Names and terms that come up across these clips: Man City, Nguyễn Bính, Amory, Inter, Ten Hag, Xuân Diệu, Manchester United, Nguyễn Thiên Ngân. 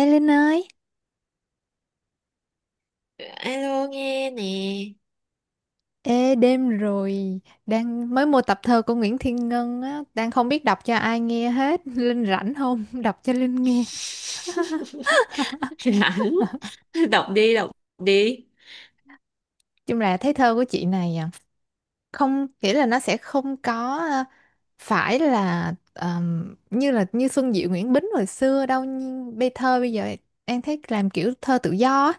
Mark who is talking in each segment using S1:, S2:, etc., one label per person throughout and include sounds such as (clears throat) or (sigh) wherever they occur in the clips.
S1: Ê Linh ơi,
S2: Alo nghe nè.
S1: ê đêm rồi, đang mới mua tập thơ của Nguyễn Thiên Ngân á, đang không biết đọc cho ai nghe hết, (laughs) Linh rảnh không? (laughs) Đọc cho Linh nghe.
S2: (laughs) Rảnh. Đọc đi, đọc đi.
S1: Chung là thấy thơ của chị này à, không nghĩa là nó sẽ không có à, phải là như Xuân Diệu Nguyễn Bính hồi xưa đâu, nhưng thơ bây giờ em thấy làm kiểu thơ tự do á,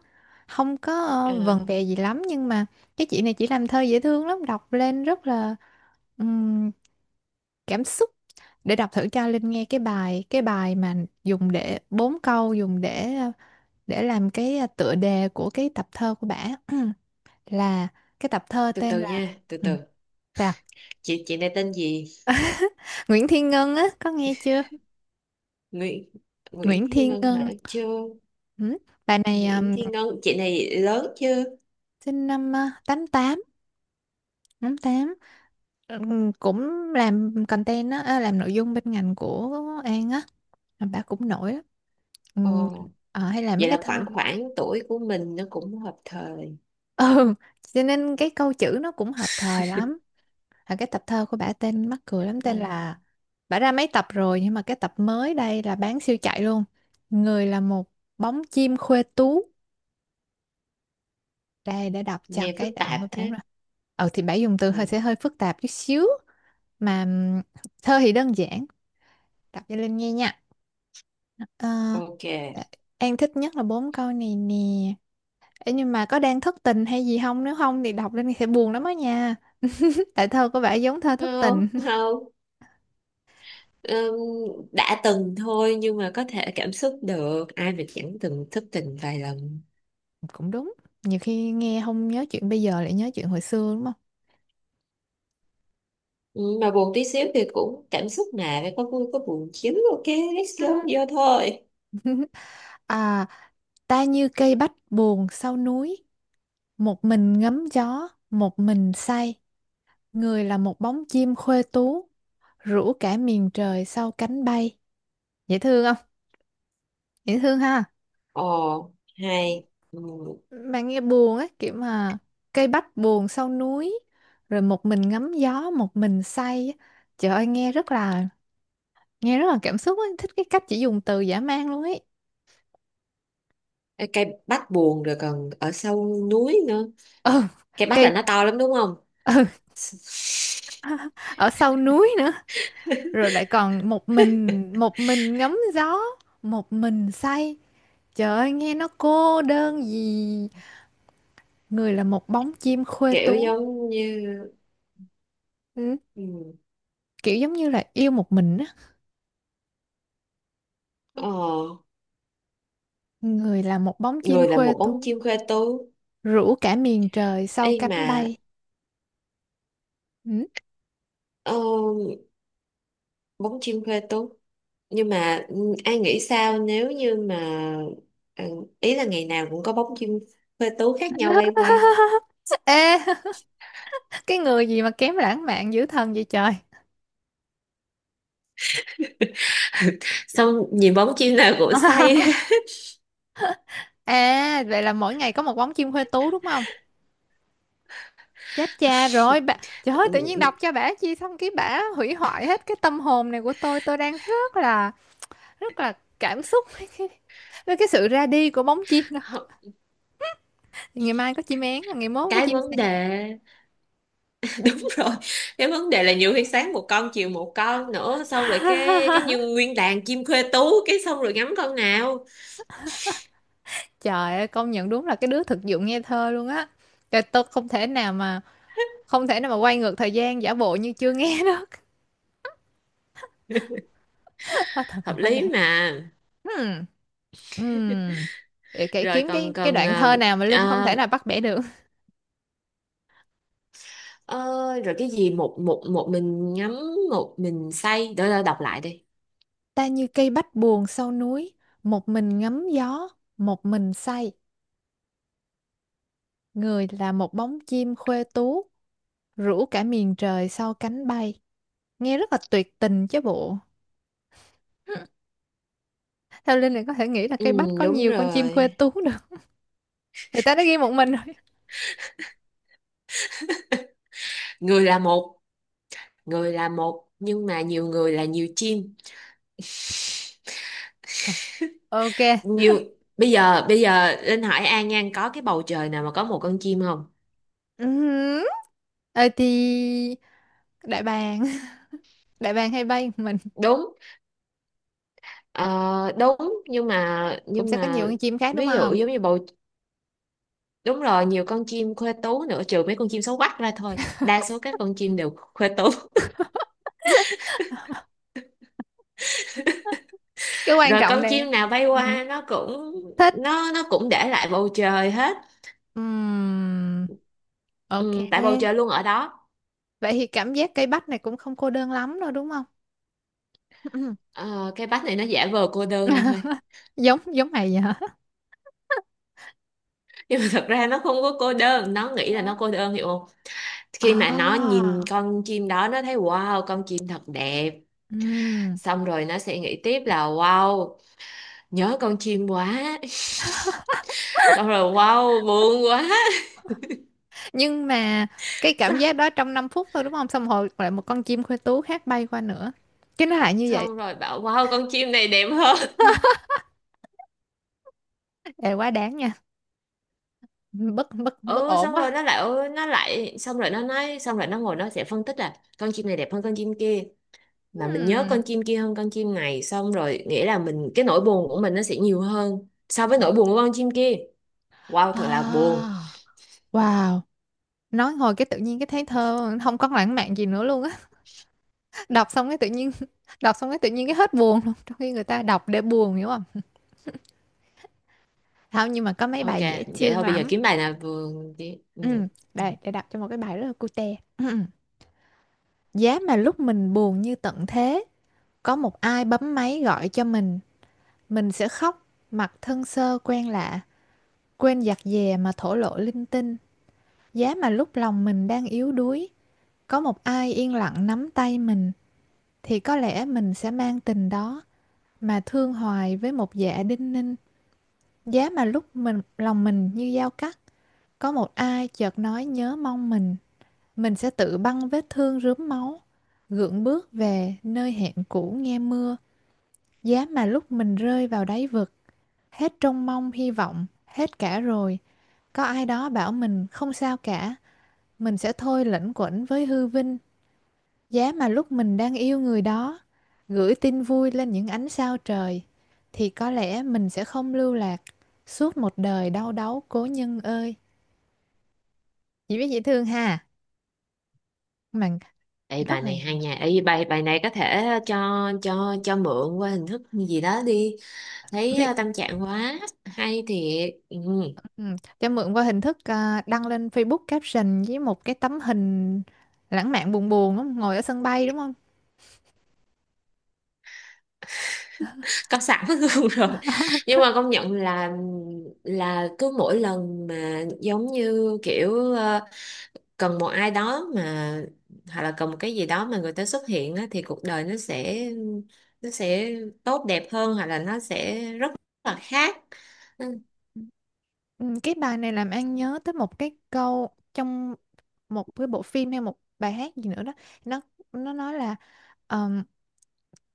S1: không có
S2: Ờ,
S1: vần vè gì lắm, nhưng mà cái chị này chỉ làm thơ dễ thương lắm, đọc lên rất là cảm xúc. Để đọc thử cho Linh nghe cái bài mà dùng để bốn câu, dùng để để làm cái tựa đề của cái tập thơ của bả. (clears throat) Là cái tập thơ
S2: từ
S1: tên
S2: từ nha,
S1: là.
S2: từ
S1: Ừ,
S2: từ.
S1: sao?
S2: Chị này tên gì?
S1: Nguyễn Thiên Ngân á, có nghe chưa?
S2: Nguyễn Nguyễn
S1: Nguyễn
S2: Thiên
S1: Thiên
S2: Ngân
S1: Ngân.
S2: hả? Chưa.
S1: Ừ. Bà này
S2: Nguyễn Thiên Ngân. Chị này lớn chưa?
S1: sinh năm tám tám, tám tám. Cũng làm content á, à, làm nội dung bên ngành của An á. Mà bà cũng nổi lắm. Ừm,
S2: Ồ.
S1: hay làm mấy
S2: Vậy
S1: cái
S2: là
S1: thơ.
S2: khoảng khoảng tuổi của mình. Nó cũng hợp thời.
S1: Ừ, cho nên cái câu chữ nó cũng hợp thời lắm. À, cái tập thơ của bả tên mắc cười lắm, tên
S2: Ừ.
S1: là bả ra mấy tập rồi, nhưng mà cái tập mới đây là bán siêu chạy luôn. Người là một bóng chim khuê tú. Đây để đọc cho
S2: Nghe phức
S1: cái đoạn của
S2: tạp
S1: bả
S2: thế.
S1: rồi. Ừ thì bả dùng từ
S2: Ừ.
S1: hơi phức tạp chút xíu. Mà thơ thì đơn giản. Đọc cho Linh nghe nha. Ờ,
S2: Ok.
S1: An thích nhất là bốn câu này nè. Ê, nhưng mà có đang thất tình hay gì không? Nếu không thì đọc lên thì sẽ buồn lắm á nha. (laughs) Tại thơ có vẻ giống thơ thất
S2: Không,
S1: tình. (laughs)
S2: không. Ừm, đã từng thôi, nhưng mà có thể cảm xúc được, ai mà chẳng từng thất tình vài lần.
S1: Cũng đúng. Nhiều khi nghe không nhớ chuyện bây giờ, lại nhớ chuyện hồi xưa đúng không?
S2: Mà buồn tí xíu thì cũng cảm xúc, mà phải có vui có buồn chứ. Ok, let's go
S1: Ừ.
S2: vô thôi.
S1: (laughs) À, ta như cây bách buồn sau núi, một mình ngắm gió, một mình say. Người là một bóng chim khuê tú, rủ cả miền trời sau cánh bay. Dễ thương không? Dễ thương ha.
S2: Ồ, hay. Ừm,
S1: Bạn nghe buồn á, kiểu mà cây bách buồn sau núi, rồi một mình ngắm gió, một mình say á. Trời ơi, nghe rất là cảm xúc ấy. Thích cái cách chỉ dùng từ dã man luôn ấy. (laughs)
S2: cái cây bách buồn rồi còn ở sâu núi nữa,
S1: Ừ,
S2: cây bách là
S1: cây,
S2: nó to lắm đúng không?
S1: ừ, ở sau núi nữa, rồi lại
S2: (laughs)
S1: còn một mình, một mình ngắm gió, một mình say. Trời ơi, nghe nó cô đơn gì. Người là một bóng chim khuê
S2: Kiểu
S1: tú.
S2: giống như,
S1: Ừ,
S2: ừ,
S1: kiểu giống như là yêu một mình á.
S2: ờ,
S1: Người là một bóng chim
S2: người là
S1: khuê
S2: một bóng
S1: tú,
S2: chim khoe tú.
S1: rủ cả miền trời
S2: Ê
S1: sau
S2: mà,
S1: cánh bay. Ừ.
S2: ờ, bún chiên quê tú. Nhưng mà ừ, ai nghĩ sao nếu như mà ừ, ý là ngày nào cũng có bóng chim quê tú khác nhau bay qua.
S1: Ê, (laughs) cái người gì mà kém lãng mạn dữ thần vậy trời.
S2: (laughs) Xong nhìn bóng chim nào cũng say. (laughs)
S1: À, vậy là mỗi ngày có một bóng chim huê tú đúng không? Chết cha rồi bà. Trời ơi, tự nhiên
S2: Ừ,
S1: đọc cho bả chi xong cái bả hủy hoại hết cái tâm hồn này của tôi. Tôi đang rất là, rất là cảm xúc với cái sự ra đi của bóng chim đó.
S2: hơ-
S1: Ngày mai có chim én, ngày mốt có
S2: cái
S1: chim sẻ.
S2: vấn đề. (laughs) Đúng rồi. Cái vấn đề là nhiều khi sáng một con, chiều một con nữa, xong rồi cái
S1: (laughs)
S2: như nguyên đàn chim thuê tú, cái xong rồi ngắm con nào?
S1: Trời ơi, công nhận đúng là cái đứa thực dụng nghe thơ luôn á. Trời, tôi không thể nào mà không thể nào mà quay ngược thời gian giả bộ như chưa nghe đó. Hết thần, thần
S2: Hợp
S1: hóa đá.
S2: lý mà.
S1: Hmm. Hmm. Để
S2: Rồi
S1: kiếm
S2: còn
S1: cái
S2: còn
S1: đoạn thơ
S2: ờ,
S1: nào mà Linh không thể
S2: ờ,
S1: nào bắt bẻ được.
S2: ờ, rồi cái gì, một một một mình ngắm, một mình say, đỡ đỡ đọc lại đi.
S1: Ta như cây bách buồn sau núi, một mình ngắm gió, một mình say. Người là một bóng chim khuê tú, rủ cả miền trời sau cánh bay. Nghe rất là tuyệt tình chứ bộ. Hmm, theo Linh này có thể nghĩ là
S2: Ừ,
S1: cây bách có
S2: đúng
S1: nhiều con chim khuê
S2: rồi.
S1: tú được. Người ta đã ghi một mình rồi.
S2: Người là một, người là một, nhưng mà nhiều người là nhiều chim. (laughs)
S1: À, ok.
S2: Nhiều. Bây giờ Linh hỏi An Nhan, có cái bầu trời nào mà có một con chim không?
S1: Ừm. Ờ thì đại bàng, (laughs) đại bàng hay bay một mình,
S2: Đúng. Ờ, đúng. nhưng mà
S1: cũng
S2: nhưng
S1: sẽ có nhiều
S2: mà
S1: con chim khác đúng
S2: ví dụ
S1: không?
S2: giống như bầu. Đúng rồi, nhiều con chim khuê tú nữa, trừ mấy con chim xấu quắc ra thôi. Đa số các con chim đều khuê tú.
S1: Cái quan
S2: Rồi
S1: trọng
S2: con
S1: nè.
S2: chim nào bay
S1: Ừ.
S2: qua nó cũng,
S1: Thích.
S2: nó cũng để lại bầu trời hết.
S1: Ừm, ok,
S2: Ừ, tại bầu trời luôn ở đó.
S1: vậy thì cảm giác cây bách này cũng không cô đơn lắm đâu đúng không? Ừ.
S2: Ờ, cái bách này nó giả vờ cô đơn thôi.
S1: (laughs) Giống giống mày vậy hả?
S2: (laughs) Nhưng mà thật ra nó không có cô đơn, nó nghĩ là
S1: Hả?
S2: nó cô đơn, hiểu không? Khi mà nó
S1: À,
S2: nhìn con chim đó, nó thấy wow, con chim thật đẹp.
S1: ừm.
S2: Xong rồi nó sẽ nghĩ tiếp là wow, nhớ con chim quá. (laughs) Xong rồi wow, buồn quá. (laughs)
S1: Nhưng mà cái cảm giác
S2: xong,
S1: đó trong năm phút thôi đúng không, xong rồi lại một con chim khuê tú khác bay qua nữa, cái nó lại như vậy.
S2: xong rồi bảo wow, con chim này đẹp hơn.
S1: Ê, quá đáng nha, bất bất bất
S2: Ừ,
S1: ổn
S2: xong rồi
S1: quá.
S2: nó lại xong rồi nó nói, xong rồi nó ngồi, nó sẽ phân tích là con chim này đẹp hơn con chim kia, mà mình nhớ con
S1: Ừm.
S2: chim kia hơn con chim này, xong rồi nghĩa là mình, cái nỗi buồn của mình nó sẽ nhiều hơn so với nỗi buồn của con chim kia. Wow, thật là buồn.
S1: À, wow. Nói hồi cái tự nhiên cái thấy thơ không có lãng mạn gì nữa luôn á, đọc xong cái tự nhiên (laughs) đọc xong cái tự nhiên cái hết buồn luôn, trong khi người ta đọc để buồn hiểu không. Không, nhưng mà có mấy
S2: Ok,
S1: bài dễ
S2: vậy
S1: thương
S2: thôi, bây giờ
S1: lắm.
S2: kiếm bài nào vừa đi. Ừ.
S1: Ừ.
S2: Ừ.
S1: Đây để đọc cho một cái bài rất là cute. Ừ. Giá mà lúc mình buồn như tận thế, có một ai bấm máy gọi cho mình sẽ khóc mặt thân sơ quen lạ, quên giặt dè mà thổ lộ linh tinh. Giá mà lúc lòng mình đang yếu đuối, có một ai yên lặng nắm tay mình, thì có lẽ mình sẽ mang tình đó mà thương hoài với một dạ đinh ninh. Giá mà lúc mình, lòng mình như dao cắt, có một ai chợt nói nhớ mong mình sẽ tự băng vết thương rướm máu, gượng bước về nơi hẹn cũ nghe mưa. Giá mà lúc mình rơi vào đáy vực, hết trông mong hy vọng, hết cả rồi. Có ai đó bảo mình không sao cả, mình sẽ thôi lẩn quẩn với hư vinh. Giá mà lúc mình đang yêu người đó, gửi tin vui lên những ánh sao trời, thì có lẽ mình sẽ không lưu lạc suốt một đời đau đáu cố nhân ơi. Chị biết dễ thương ha, mà
S2: Ê,
S1: rất
S2: bài
S1: là
S2: này hay nha. Ê, bài bài này có thể cho, cho mượn qua hình thức gì đó đi. Thấy
S1: viết.
S2: ờ, tâm trạng quá. Hay thiệt. Ừ.
S1: Ừ, cho mượn qua hình thức, à, đăng lên Facebook caption với một cái tấm hình lãng mạn buồn buồn đúng. Ngồi ở sân bay đúng không?
S2: Có sẵn (laughs) luôn rồi. Nhưng mà công nhận là cứ mỗi lần mà giống như kiểu ờ, cần một ai đó, mà hoặc là cần một cái gì đó mà người ta xuất hiện á, thì cuộc đời nó sẽ tốt đẹp hơn, hoặc là nó sẽ rất là khác. Ừ,
S1: Ừ, cái bài này làm An nhớ tới một cái câu trong một cái bộ phim hay một bài hát gì nữa đó, nó nó nói là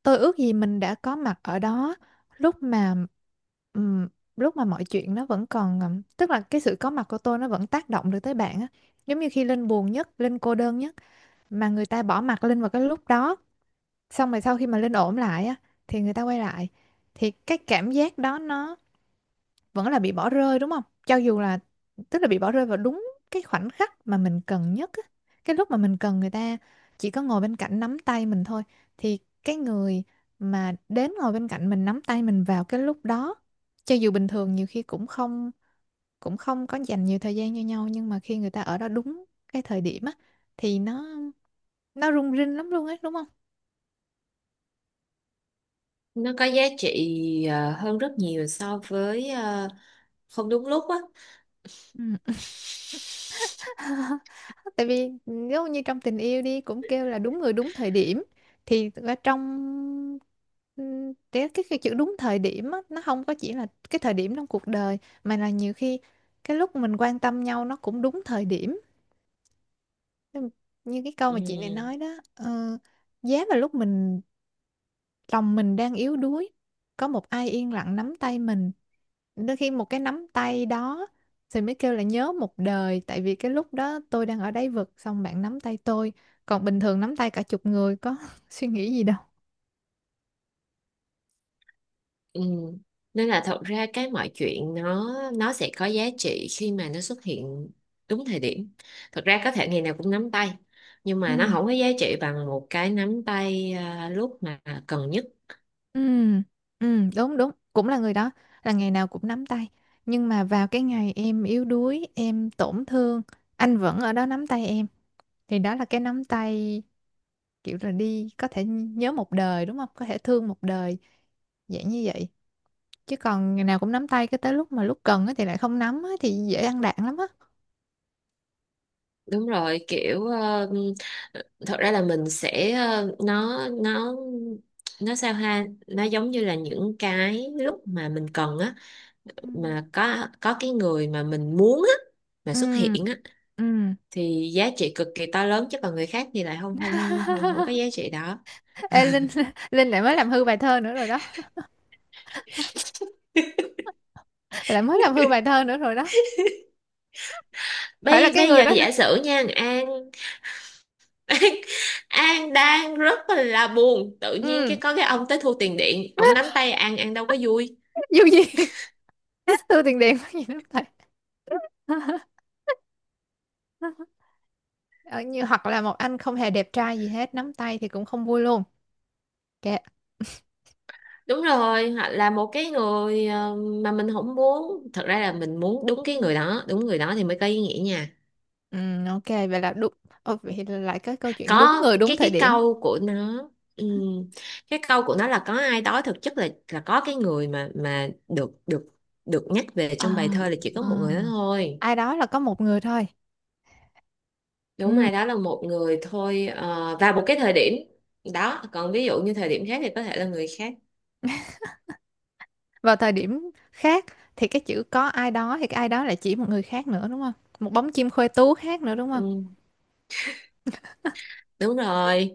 S1: tôi ước gì mình đã có mặt ở đó lúc mà ừm, lúc mà mọi chuyện nó vẫn còn, tức là cái sự có mặt của tôi nó vẫn tác động được tới bạn á. Giống như khi Linh buồn nhất, Linh cô đơn nhất, mà người ta bỏ mặt Linh vào cái lúc đó, xong rồi sau khi mà Linh ổn lại á, thì người ta quay lại, thì cái cảm giác đó nó vẫn là bị bỏ rơi đúng không? Cho dù là, tức là bị bỏ rơi vào đúng cái khoảnh khắc mà mình cần nhất á. Cái lúc mà mình cần người ta chỉ có ngồi bên cạnh nắm tay mình thôi, thì cái người mà đến ngồi bên cạnh mình nắm tay mình vào cái lúc đó, cho dù bình thường nhiều khi cũng không có dành nhiều thời gian cho nhau, nhưng mà khi người ta ở đó đúng cái thời điểm á, thì nó rung rinh lắm luôn ấy đúng không?
S2: nó có giá trị ờ, hơn rất nhiều so với ờ, không đúng lúc á.
S1: (laughs) Tại vì nếu như trong tình yêu đi cũng kêu là đúng người đúng thời điểm, thì ở trong cái chữ đúng thời điểm á, nó không có chỉ là cái thời điểm trong cuộc đời, mà là nhiều khi cái lúc mình quan tâm nhau nó cũng đúng thời điểm, như như cái câu mà chị này
S2: Ừ.
S1: nói đó. Ờ, giá mà lúc mình lòng mình đang yếu đuối, có một ai yên lặng nắm tay mình. Đôi khi một cái nắm tay đó thì mới kêu là nhớ một đời, tại vì cái lúc đó tôi đang ở đáy vực xong bạn nắm tay tôi. Còn bình thường nắm tay cả chục người có (laughs) suy nghĩ gì đâu.
S2: Ừ. Nên là thật ra cái mọi chuyện nó sẽ có giá trị khi mà nó xuất hiện đúng thời điểm. Thật ra có thể ngày nào cũng nắm tay, nhưng
S1: Ừ.
S2: mà nó không có giá trị bằng một cái nắm tay à, lúc mà cần nhất.
S1: Ừ. Ừ, đúng, đúng, cũng là người đó, là ngày nào cũng nắm tay, nhưng mà vào cái ngày em yếu đuối, em tổn thương, anh vẫn ở đó nắm tay em, thì đó là cái nắm tay kiểu là đi có thể nhớ một đời đúng không, có thể thương một đời, dạng như vậy. Chứ còn ngày nào cũng nắm tay cái tới lúc mà, lúc cần á thì lại không nắm á thì dễ ăn đạn lắm á.
S2: Đúng rồi, kiểu ờ, thật ra là mình sẽ ờ, nó nó sao ha, nó giống như là những cái lúc mà mình cần á,
S1: Ừ.
S2: mà có cái người mà mình muốn á, mà xuất
S1: Ừ.
S2: hiện á,
S1: Ừ.
S2: thì giá trị cực kỳ to lớn, chứ còn người khác thì lại không không không không có
S1: (laughs)
S2: giá trị đó.
S1: Ê, Linh, Linh lại mới làm hư bài thơ nữa rồi đó,
S2: (laughs)
S1: lại mới làm hư bài thơ nữa rồi đó. Phải là
S2: bây
S1: cái
S2: bây
S1: người
S2: giờ
S1: đó nữa.
S2: giả sử nha An. (laughs) An, An, đang rất là buồn, tự nhiên cái
S1: Ừ.
S2: có cái ông tới thu tiền điện, ông nắm
S1: (laughs)
S2: tay An đâu có vui.
S1: Dù gì, (laughs) thu tiền điện có gì nắm tay. (laughs) Ờ, như hoặc là một anh không hề đẹp trai gì hết nắm tay thì cũng không vui luôn, kệ.
S2: Đúng rồi, hoặc là một cái người ờ, mà mình không muốn, thật ra là mình muốn đúng cái
S1: Ừ.
S2: người đó, đúng người đó thì mới có ý nghĩa nha.
S1: Ừ, ok, vậy là đúng. Ồ, vậy là lại cái câu chuyện đúng
S2: Có
S1: người đúng
S2: cái
S1: thời
S2: cái
S1: điểm.
S2: câu của nó, ừm, cái câu của nó là có ai đó, thực chất là có cái người mà được được được nhắc về trong bài
S1: À.
S2: thơ là chỉ có một
S1: À.
S2: người đó thôi.
S1: Ai đó là có một người thôi,
S2: Đúng,
S1: ừ.
S2: ai đó là một người thôi, ờ, và một cái thời điểm đó, còn ví dụ như thời điểm khác thì có thể là người khác.
S1: Vào thời điểm khác thì cái chữ "có ai đó" thì cái ai đó lại chỉ một người khác nữa, đúng không? Một bóng chim khoe tú khác nữa, đúng không?
S2: Ừm, đúng rồi.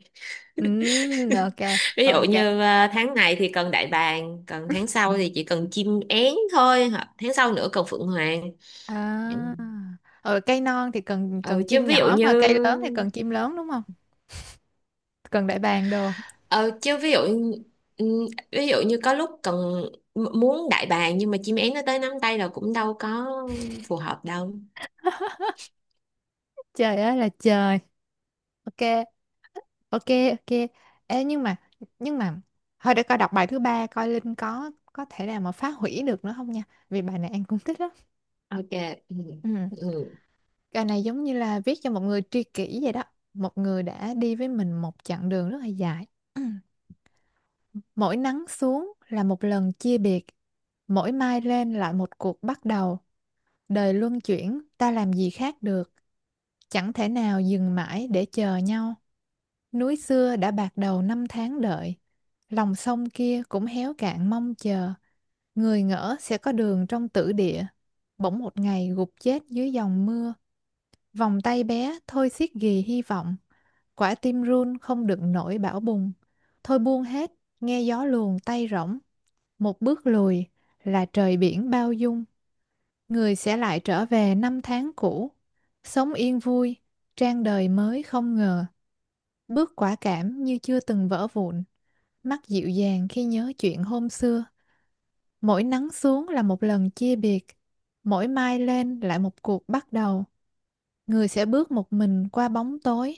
S1: Ừ, ok
S2: Ví dụ
S1: ok.
S2: như ờ, tháng này thì cần đại bàng, còn tháng sau thì chỉ cần chim én thôi, hoặc tháng sau nữa cần phượng hoàng. Ừm.
S1: À ừ, cây non thì cần
S2: Ừ,
S1: cần
S2: chứ
S1: chim
S2: ví dụ
S1: nhỏ
S2: như,
S1: mà cây lớn thì cần chim lớn, đúng không? Cần đại bàng đồ.
S2: ờ, chứ ví dụ ừ, ví dụ như có lúc cần muốn đại bàng, nhưng mà chim én nó tới nắm tay là cũng đâu có phù hợp đâu.
S1: Trời ơi là trời. Ok, ok, ok. Ê, nhưng mà thôi để coi đọc bài thứ ba coi Linh có thể nào mà phá hủy được nữa không nha, vì bài này An cũng thích lắm.
S2: Ok. Ừ.
S1: Ừ.
S2: Ừ.
S1: Bài này giống như là viết cho một người tri kỷ vậy đó, một người đã đi với mình một chặng đường rất là dài. Ừ. Mỗi nắng xuống là một lần chia biệt, mỗi mai lên lại một cuộc bắt đầu. Đời luân chuyển ta làm gì khác được, chẳng thể nào dừng mãi để chờ nhau. Núi xưa đã bạc đầu năm tháng đợi, lòng sông kia cũng héo cạn mong chờ. Người ngỡ sẽ có đường trong tử địa, bỗng một ngày gục chết dưới dòng mưa. Vòng tay bé thôi xiết ghì hy vọng, quả tim run không đựng nổi bão bùng. Thôi buông hết, nghe gió luồn tay rỗng, một bước lùi là trời biển bao dung. Người sẽ lại trở về năm tháng cũ, sống yên vui, trang đời mới không ngờ, bước quả cảm như chưa từng vỡ vụn. Mắt dịu dàng khi nhớ chuyện hôm xưa, mỗi nắng xuống là một lần chia biệt, mỗi mai lên lại một cuộc bắt đầu. Người sẽ bước một mình qua bóng tối,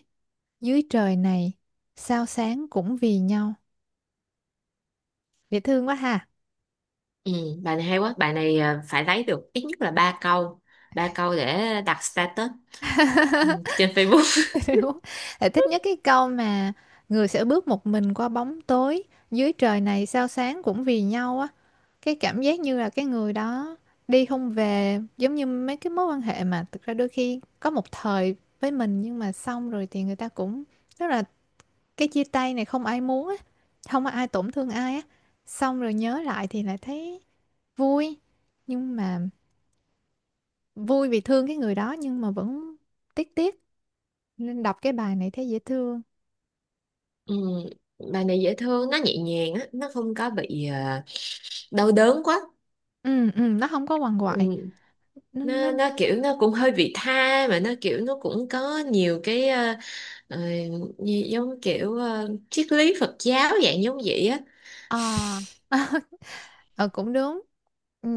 S1: dưới trời này, sao sáng cũng vì nhau. Dễ thương quá ha.
S2: Ừ. Bài này hay quá. Bài này à, phải lấy được ít nhất là ba câu. Ba câu để đặt status, ừ, trên Facebook. (laughs)
S1: (laughs) Đúng. Lại thích nhất cái câu mà người sẽ bước một mình qua bóng tối, dưới trời này sao sáng cũng vì nhau á. Cái cảm giác như là cái người đó đi không về, giống như mấy cái mối quan hệ mà thực ra đôi khi có một thời với mình, nhưng mà xong rồi thì người ta cũng, tức là cái chia tay này không ai muốn á, không có ai tổn thương ai á, xong rồi nhớ lại thì lại thấy vui, nhưng mà vui vì thương cái người đó nhưng mà vẫn tiếc tiếc, nên đọc cái bài này thấy dễ thương.
S2: Ừ. Bài này dễ thương, nó nhẹ nhàng á, nó không có bị à, đau đớn quá.
S1: Ừ ừ, nó không có quằn
S2: Ừ.
S1: quại. nó nó
S2: Nó kiểu, nó cũng hơi vị tha, mà nó kiểu, nó cũng có nhiều cái ờ, ờ, như giống kiểu ờ, triết lý Phật giáo dạng giống vậy á.
S1: ờ (laughs) ờ Cũng đúng. Ừ.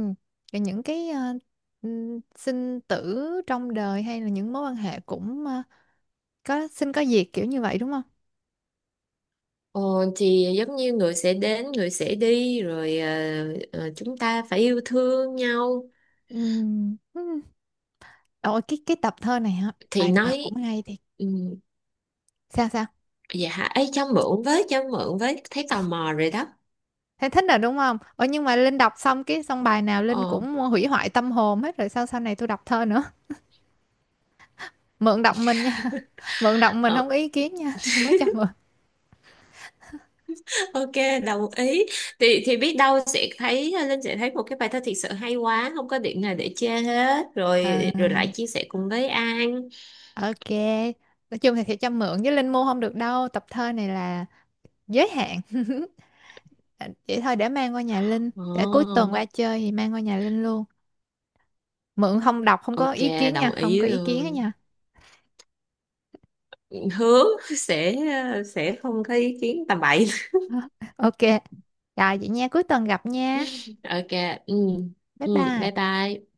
S1: Rồi những cái sinh tử trong đời hay là những mối quan hệ cũng có sinh có diệt kiểu như vậy, đúng không?
S2: Ờ, thì giống như người sẽ đến, người sẽ đi, rồi ờ, ờ, chúng ta phải yêu thương nhau.
S1: Ừm, ừm. Ôi cái tập thơ này hả,
S2: Thì
S1: bài nào
S2: nói
S1: cũng hay thiệt.
S2: um,
S1: Sao sao,
S2: dạ hả, ấy cho mượn với, cho mượn với, thấy tò mò rồi đó.
S1: thấy thích rồi đúng không? Ôi nhưng mà Linh đọc xong cái xong bài nào Linh
S2: Ờ,
S1: cũng hủy hoại tâm hồn hết rồi, sao sau này tôi đọc thơ nữa. Mượn đọc mình nha. (laughs) Mượn đọc mình
S2: ờ.
S1: không có ý kiến nha. (laughs) Mới cho mượn.
S2: (laughs) Ok, đồng ý. Thì biết đâu sẽ thấy ờ, Linh sẽ thấy một cái bài thơ thiệt sự hay quá, không có điểm nào để chê hết rồi,
S1: À,
S2: rồi lại chia sẻ cùng với An.
S1: ok, nói chung thì sẽ cho mượn, với Linh mua không được đâu, tập thơ này là giới hạn. (laughs) À, vậy thôi để mang qua nhà Linh. Để cuối
S2: Ồ,
S1: tuần qua chơi thì mang qua nhà Linh luôn. Mượn không đọc không có
S2: ok,
S1: ý kiến
S2: đồng
S1: nha. Không
S2: ý
S1: có ý kiến đó
S2: luôn.
S1: nha.
S2: Hứa sẽ sẽ không có ý kiến tầm bậy.
S1: (laughs) Ok. Rồi vậy nha, cuối tuần gặp nha.
S2: (laughs) Ok, ừ,
S1: Bye
S2: ừ, bye
S1: bye.
S2: bye.